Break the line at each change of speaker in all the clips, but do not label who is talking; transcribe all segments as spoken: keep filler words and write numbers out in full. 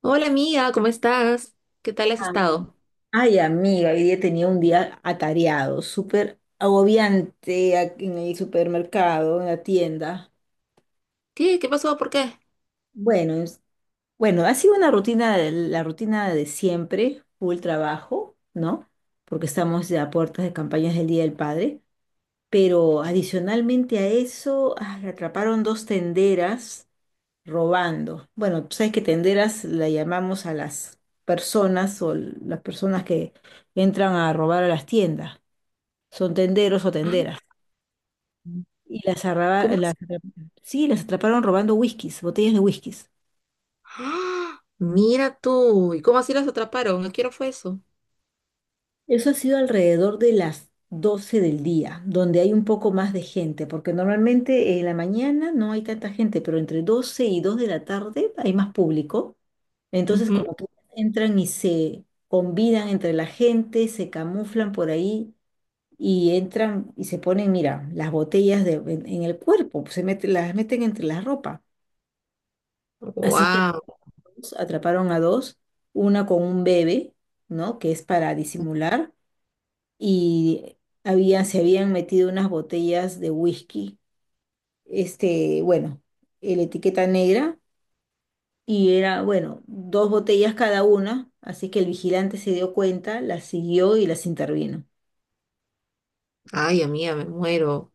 Hola amiga, ¿cómo estás? ¿Qué tal has
Ah.
estado?
Ay, amiga, hoy día tenía un día atareado, súper agobiante a- en el supermercado, en la tienda.
¿Qué? ¿Qué pasó? ¿Por qué?
Bueno, es- bueno, ha sido una rutina, de- la rutina de siempre, full trabajo, ¿no? Porque estamos ya a puertas de campañas del Día del Padre, pero adicionalmente a eso, ah, atraparon dos tenderas robando. Bueno, tú sabes que tenderas la llamamos a las personas o las personas que entran a robar a las tiendas. Son tenderos o
Ah,
tenderas. Y las, arraba-
¿cómo es?
las atrap- sí, las atraparon robando whiskies, botellas de whiskies.
¡Ah! Mira tú, ¿y cómo así las atraparon? ¿A qué hora fue eso?
Eso ha sido alrededor de las doce del día, donde hay un poco más de gente, porque normalmente en la mañana no hay tanta gente, pero entre doce y dos de la tarde hay más público. Entonces como que entran y se combinan entre la gente, se camuflan por ahí y entran y se ponen, mira, las botellas de- en, en el cuerpo, se meten, las meten entre la ropa. Así que
Wow,
atraparon a dos, una con un bebé, ¿no? Que es para disimular, y había, se habían metido unas botellas de whisky, este, bueno, la etiqueta negra, y era, bueno, dos botellas cada una, así que el vigilante se dio cuenta, las siguió y las intervino.
ay amiga, me muero.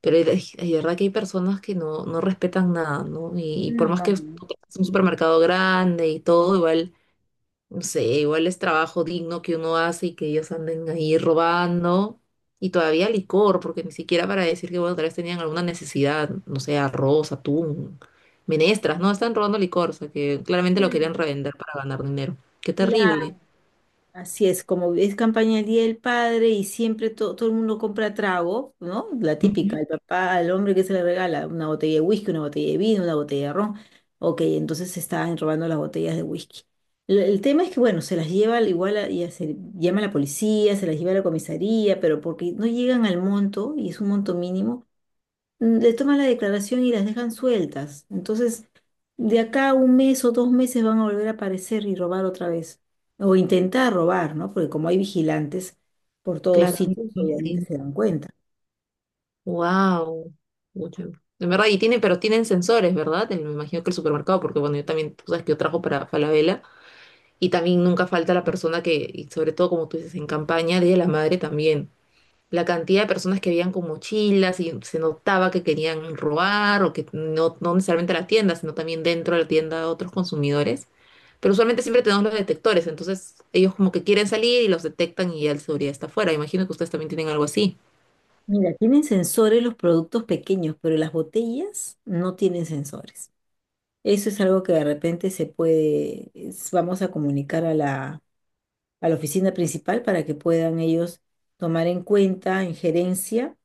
Pero es verdad que hay personas que no, no respetan nada, ¿no? Y, y por más que es
No.
un supermercado grande y todo, igual. No sé, igual es trabajo digno que uno hace y que ellos anden ahí robando. Y todavía licor, porque ni siquiera para decir que bueno, tal vez tenían alguna necesidad, no sé, arroz, atún, menestras, no, están robando licor, o sea que claramente lo querían
Claro,
revender para ganar dinero. Qué terrible.
así es, como es campaña del Día del Padre y siempre to- todo el mundo compra trago, ¿no? La típica,
Ujú.
el papá, al hombre que se le regala una botella de whisky, una botella de vino, una botella de ron. Ok, entonces se estaban robando las botellas de whisky. Lo- El, tema es que, bueno, se las lleva al igual, a- ya se llama a la policía, se las lleva a la comisaría, pero porque no llegan al monto, y es un monto mínimo. Mm, le toman la declaración y las dejan sueltas. Entonces, de acá a un mes o dos meses van a volver a aparecer y robar otra vez. O intentar robar, ¿no? Porque como hay vigilantes por todos
Claro,
sitios, obviamente
sí.
se dan cuenta.
Wow. En verdad, y tienen, pero tienen sensores, ¿verdad? El- Me imagino que el supermercado, porque bueno, yo también, tú sabes que yo trabajo para Falabella y también nunca falta la persona que, y sobre todo como tú dices, en campaña, Día de la Madre también. La cantidad de personas que veían con mochilas y se notaba que querían robar o que no, no necesariamente a la tienda, sino también dentro de la tienda a otros consumidores. Pero usualmente siempre tenemos los detectores, entonces ellos como que quieren salir y los detectan y ya el seguridad está afuera. Imagino que ustedes también tienen algo así.
Mira, tienen sensores los productos pequeños, pero las botellas no tienen sensores. Eso es algo que de repente se puede, es- vamos a comunicar a la, a la oficina principal para que puedan ellos tomar en cuenta en gerencia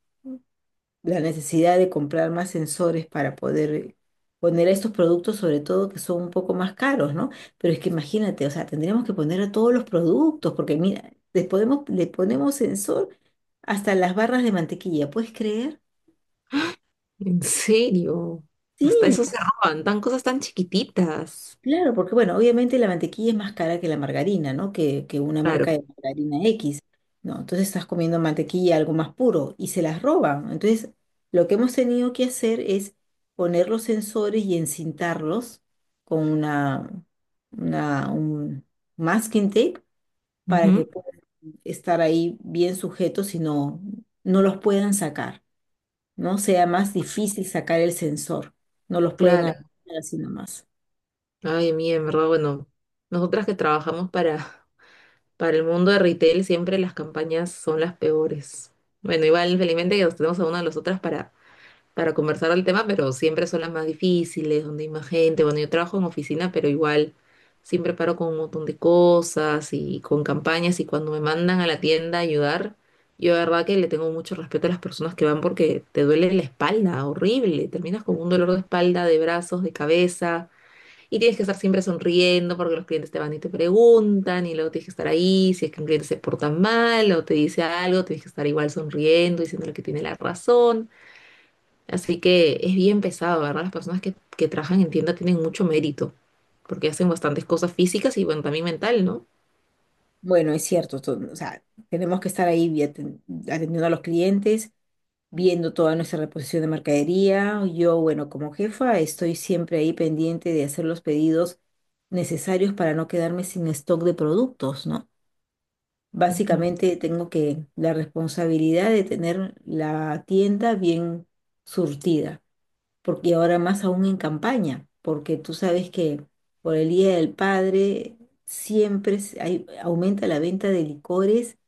la necesidad de comprar más sensores para poder poner estos productos, sobre todo que son un poco más caros, ¿no? Pero es que imagínate, o sea, tendríamos que poner a todos los productos, porque mira, le podemos, le ponemos sensor hasta las barras de mantequilla, ¿puedes creer?
¿En serio?
Sí,
Hasta eso se roban, tan cosas tan chiquititas.
claro, porque bueno, obviamente la mantequilla es más cara que la margarina, ¿no? Que, que una marca
Claro.
de margarina X, ¿no? Entonces estás comiendo mantequilla, algo más puro, y se las roban. Entonces, lo que hemos tenido que hacer es poner los sensores y encintarlos con una, una, un masking tape para que
Ujú.
puedan estar ahí bien sujetos y no, no los puedan sacar, ¿no? Sea más difícil sacar el sensor, no los pueden
Claro.
arrancar así nomás.
Ay, mía, en verdad, bueno, nosotras que trabajamos para, para el mundo de retail siempre las campañas son las peores. Bueno, igual felizmente que nos tenemos a una de las otras para, para conversar del tema, pero siempre son las más difíciles, donde hay más gente. Bueno, yo trabajo en oficina, pero igual siempre paro con un montón de cosas y con campañas y cuando me mandan a la tienda a ayudar, yo de verdad que le tengo mucho respeto a las personas que van porque te duele la espalda, horrible. Terminas con un dolor de espalda, de brazos, de cabeza. Y tienes que estar siempre sonriendo porque los clientes te van y te preguntan y luego tienes que estar ahí, si es que un cliente se porta mal o te dice algo, tienes que estar igual sonriendo, diciéndole que tiene la razón. Así que es bien pesado, ¿verdad? Las personas que, que trabajan en tienda tienen mucho mérito porque hacen bastantes cosas físicas y bueno, también mental, ¿no?
Bueno, es cierto, to- o sea, tenemos que estar ahí vi- aten- atendiendo a los clientes, viendo toda nuestra reposición de mercadería. Yo, bueno, como jefa, estoy siempre ahí pendiente de hacer los pedidos necesarios para no quedarme sin stock de productos, ¿no?
Ujú.
Básicamente tengo que la responsabilidad de tener la tienda bien surtida, porque ahora más aún en campaña, porque tú sabes que por el Día del Padre siempre se- hay- aumenta la venta de licores,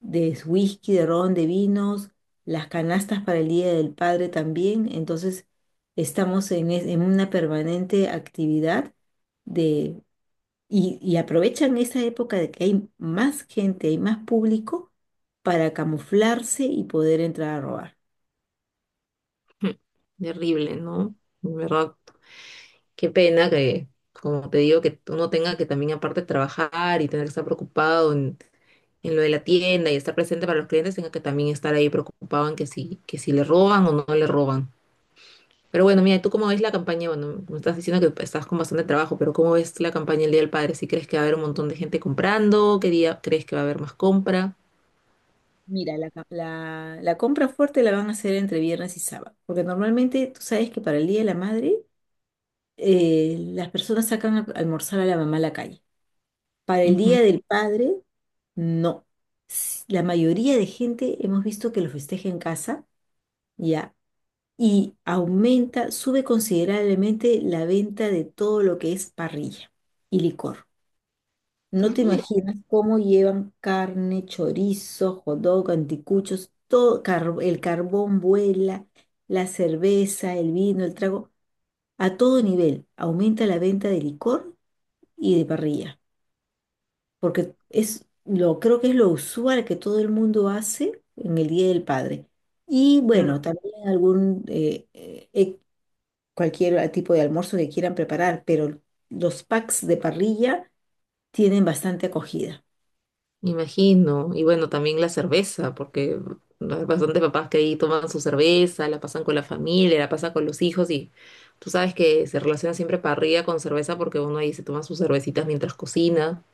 de whisky, de ron, de vinos, las canastas para el Día del Padre también, entonces estamos en, es- en una permanente actividad de, y, y aprovechan esa época de que hay más gente, hay más público para camuflarse y poder entrar a robar.
Terrible, ¿no? En verdad, qué pena que, como te digo, que uno tenga que también aparte trabajar y tener que estar preocupado en en lo de la tienda y estar presente para los clientes, tenga que también estar ahí preocupado en que si, que si le roban o no le roban. Pero bueno, mira, ¿tú cómo ves la campaña? Bueno, me estás diciendo que estás con bastante trabajo, pero ¿cómo ves la campaña el Día del Padre? ¿Si crees que va a haber un montón de gente comprando? ¿Qué día crees que va a haber más compra?
Mira, la, ca- la, la compra fuerte la van a hacer entre viernes y sábado, porque normalmente tú sabes que para el Día de la Madre eh, las personas sacan a almorzar a la mamá a la calle. Para el
Ujú.
Día del Padre, no. S- La mayoría de gente hemos visto que lo festeja en casa, ya, y aumenta, sube considerablemente la venta de todo lo que es parrilla y licor. No
Ah,
te
mira,
imaginas cómo llevan carne, chorizo, hot dog, anticuchos, todo, car- el carbón vuela, la cerveza, el vino, el trago, a todo nivel. Aumenta la venta de licor y de parrilla, porque es lo, creo que es lo usual que todo el mundo hace en el Día del Padre. Y bueno,
claro.
también algún, eh, eh, eh, cualquier ah, tipo de almuerzo que quieran preparar, pero los packs de parrilla tienen bastante acogida.
Me imagino. Y bueno, también la cerveza, porque hay bastantes papás que ahí toman su cerveza, la pasan con la familia, la pasan con los hijos y tú sabes que se relaciona siempre parrilla con cerveza porque uno ahí se toma sus cervecitas mientras cocina.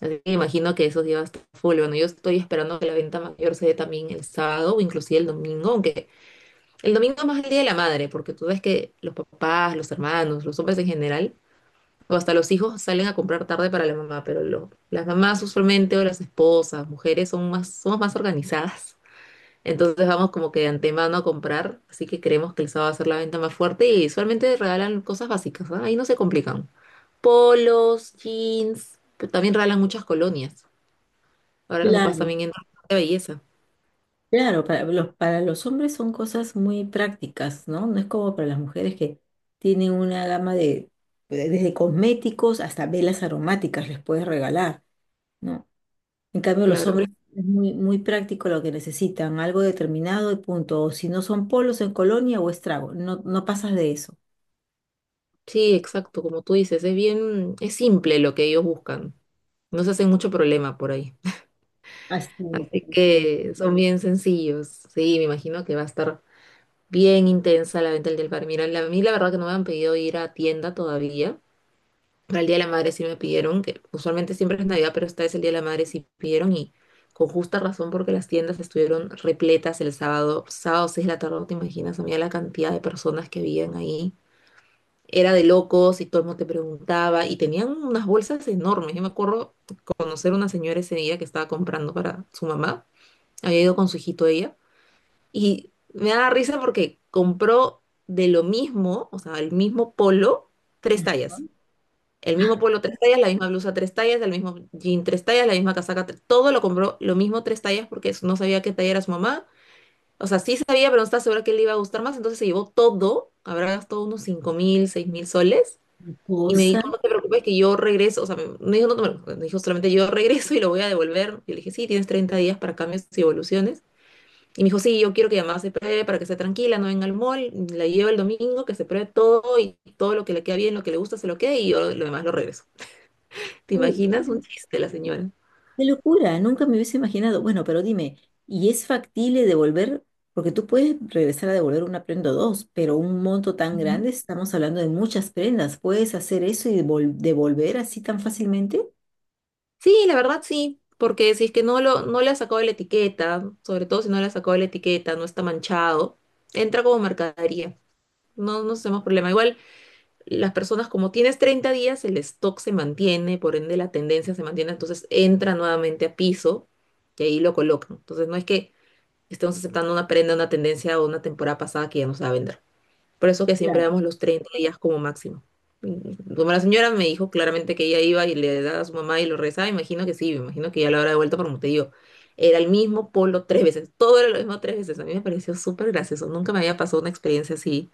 Así que imagino que esos días está a full. Bueno, yo estoy esperando que la venta mayor se dé también el sábado o inclusive el domingo, aunque el domingo es más el día de la madre, porque tú ves que los papás, los hermanos, los hombres en general, o hasta los hijos salen a comprar tarde para la mamá, pero lo- las mamás usualmente o las esposas, mujeres, son más, somos más organizadas. Entonces vamos como que de antemano a comprar, así que creemos que el sábado va a ser la venta más fuerte y usualmente regalan cosas básicas, ¿ah? Ahí no se complican. Polos, jeans, pero también regalan muchas colonias. Ahora los papás
Claro,
también entran de belleza.
claro, para los, para los hombres son cosas muy prácticas, ¿no? No es como para las mujeres que tienen una gama de, de- desde cosméticos hasta velas aromáticas les puedes regalar, ¿no? En cambio, los
Claro.
hombres es muy, muy práctico lo que necesitan, algo determinado y punto. O si no son polos en colonia o estrago, no, no pasas de eso.
Sí, exacto, como tú dices, es bien, es simple lo que ellos buscan. No se hacen mucho problema por ahí.
Así es,
Así
así
que son bien sencillos. Sí, me imagino que va a estar bien intensa la venta del Día Del Par. Mira, la- a mí la verdad que no me han pedido ir a tienda todavía. Para el Día de la Madre sí me pidieron, que usualmente siempre es Navidad, pero esta vez el Día de la Madre sí pidieron y con justa razón porque las tiendas estuvieron repletas el sábado, sábado seis de la tarde, no te imaginas, a mí la cantidad de personas que habían ahí. Era de locos y todo el mundo te preguntaba y tenían unas bolsas enormes. Yo me acuerdo conocer una señora ese día que estaba comprando para su mamá, había ido con su hijito ella y me da risa porque compró de lo mismo, o sea, el mismo polo, tres
es.
tallas. El mismo polo, tres tallas, la misma blusa, tres tallas, el mismo jean, tres tallas, la misma casaca, tre- todo lo compró, lo mismo, tres tallas, porque no sabía qué talla era su mamá. O sea, sí sabía, pero no estaba segura que le iba a gustar más, entonces se llevó todo, habrá gastado unos cinco mil, seis mil soles y me
Cosa.
dijo, no te preocupes que yo regreso, o sea, me, me dijo, no te preocupes, me dijo solamente yo regreso y lo voy a devolver. Yo le dije, sí, tienes treinta días para cambios y evoluciones. Y me dijo, sí, yo quiero que además se pruebe para que esté tranquila, no venga al mall, la llevo el domingo, que se pruebe todo y todo lo que le queda bien, lo que le gusta se lo quede y yo lo demás lo regreso. ¿Te imaginas? Un chiste la señora.
Qué locura, nunca me hubiese imaginado. Bueno, pero dime, ¿y es factible devolver? Porque tú puedes regresar a devolver una prenda o dos, pero un monto tan
Ujú.
grande, estamos hablando de muchas prendas. ¿Puedes hacer eso y devol- devolver así tan fácilmente?
Sí, la verdad sí, porque si es que no, lo, no le ha sacado de la etiqueta, sobre todo si no le ha sacado de la etiqueta, no está manchado, entra como mercadería. No, no tenemos problema. Igual las personas, como tienes treinta días, el stock se mantiene, por ende la tendencia se mantiene, entonces entra nuevamente a piso y ahí lo colocan. Entonces no es que estemos aceptando una prenda, una tendencia o una temporada pasada que ya no se va a vender. Por eso que siempre
Claro,
damos los treinta días como máximo. Mm, como la señora me dijo claramente que ella iba y le daba a su mamá y lo rezaba, imagino que sí, me imagino que ya lo habrá devuelto, pero como te digo, era el mismo polo tres veces, todo era lo mismo tres veces. A mí me pareció súper gracioso, nunca me había pasado una experiencia así,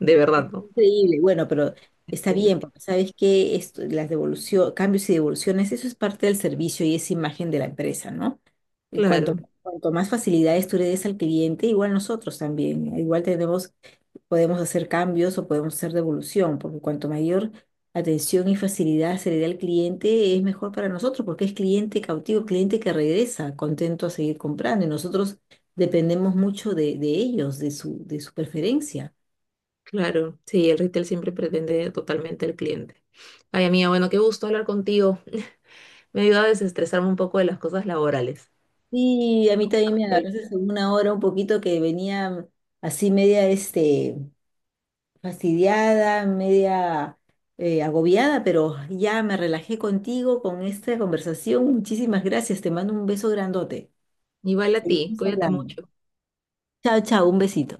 de
es
verdad, ¿no?
increíble. Bueno, pero está
Entiendo.
bien, porque sabes que esto, las devoluciones, cambios y devoluciones, eso es parte del servicio y es imagen de la empresa, ¿no? Y cuanto,
Claro.
cuanto más facilidades tú le des al cliente, igual nosotros también, igual tenemos podemos hacer cambios o podemos hacer devolución, porque cuanto mayor atención y facilidad se le dé al cliente, es mejor para nosotros, porque es cliente cautivo, cliente que regresa contento a seguir comprando y nosotros dependemos mucho de, de ellos, de su, de su preferencia.
Claro, sí, el retail siempre pretende totalmente al cliente. Ay, amiga, bueno, qué gusto hablar contigo. Me ayuda a desestresarme un poco de las cosas laborales.
Y a mí también me agarraste en una hora un poquito que venía así media este, fastidiada, media eh, agobiada, pero ya me relajé contigo con esta conversación. Muchísimas gracias, te mando un beso grandote.
Igual a ti,
Seguimos
cuídate
hablando.
mucho.
Chao, chao, un besito.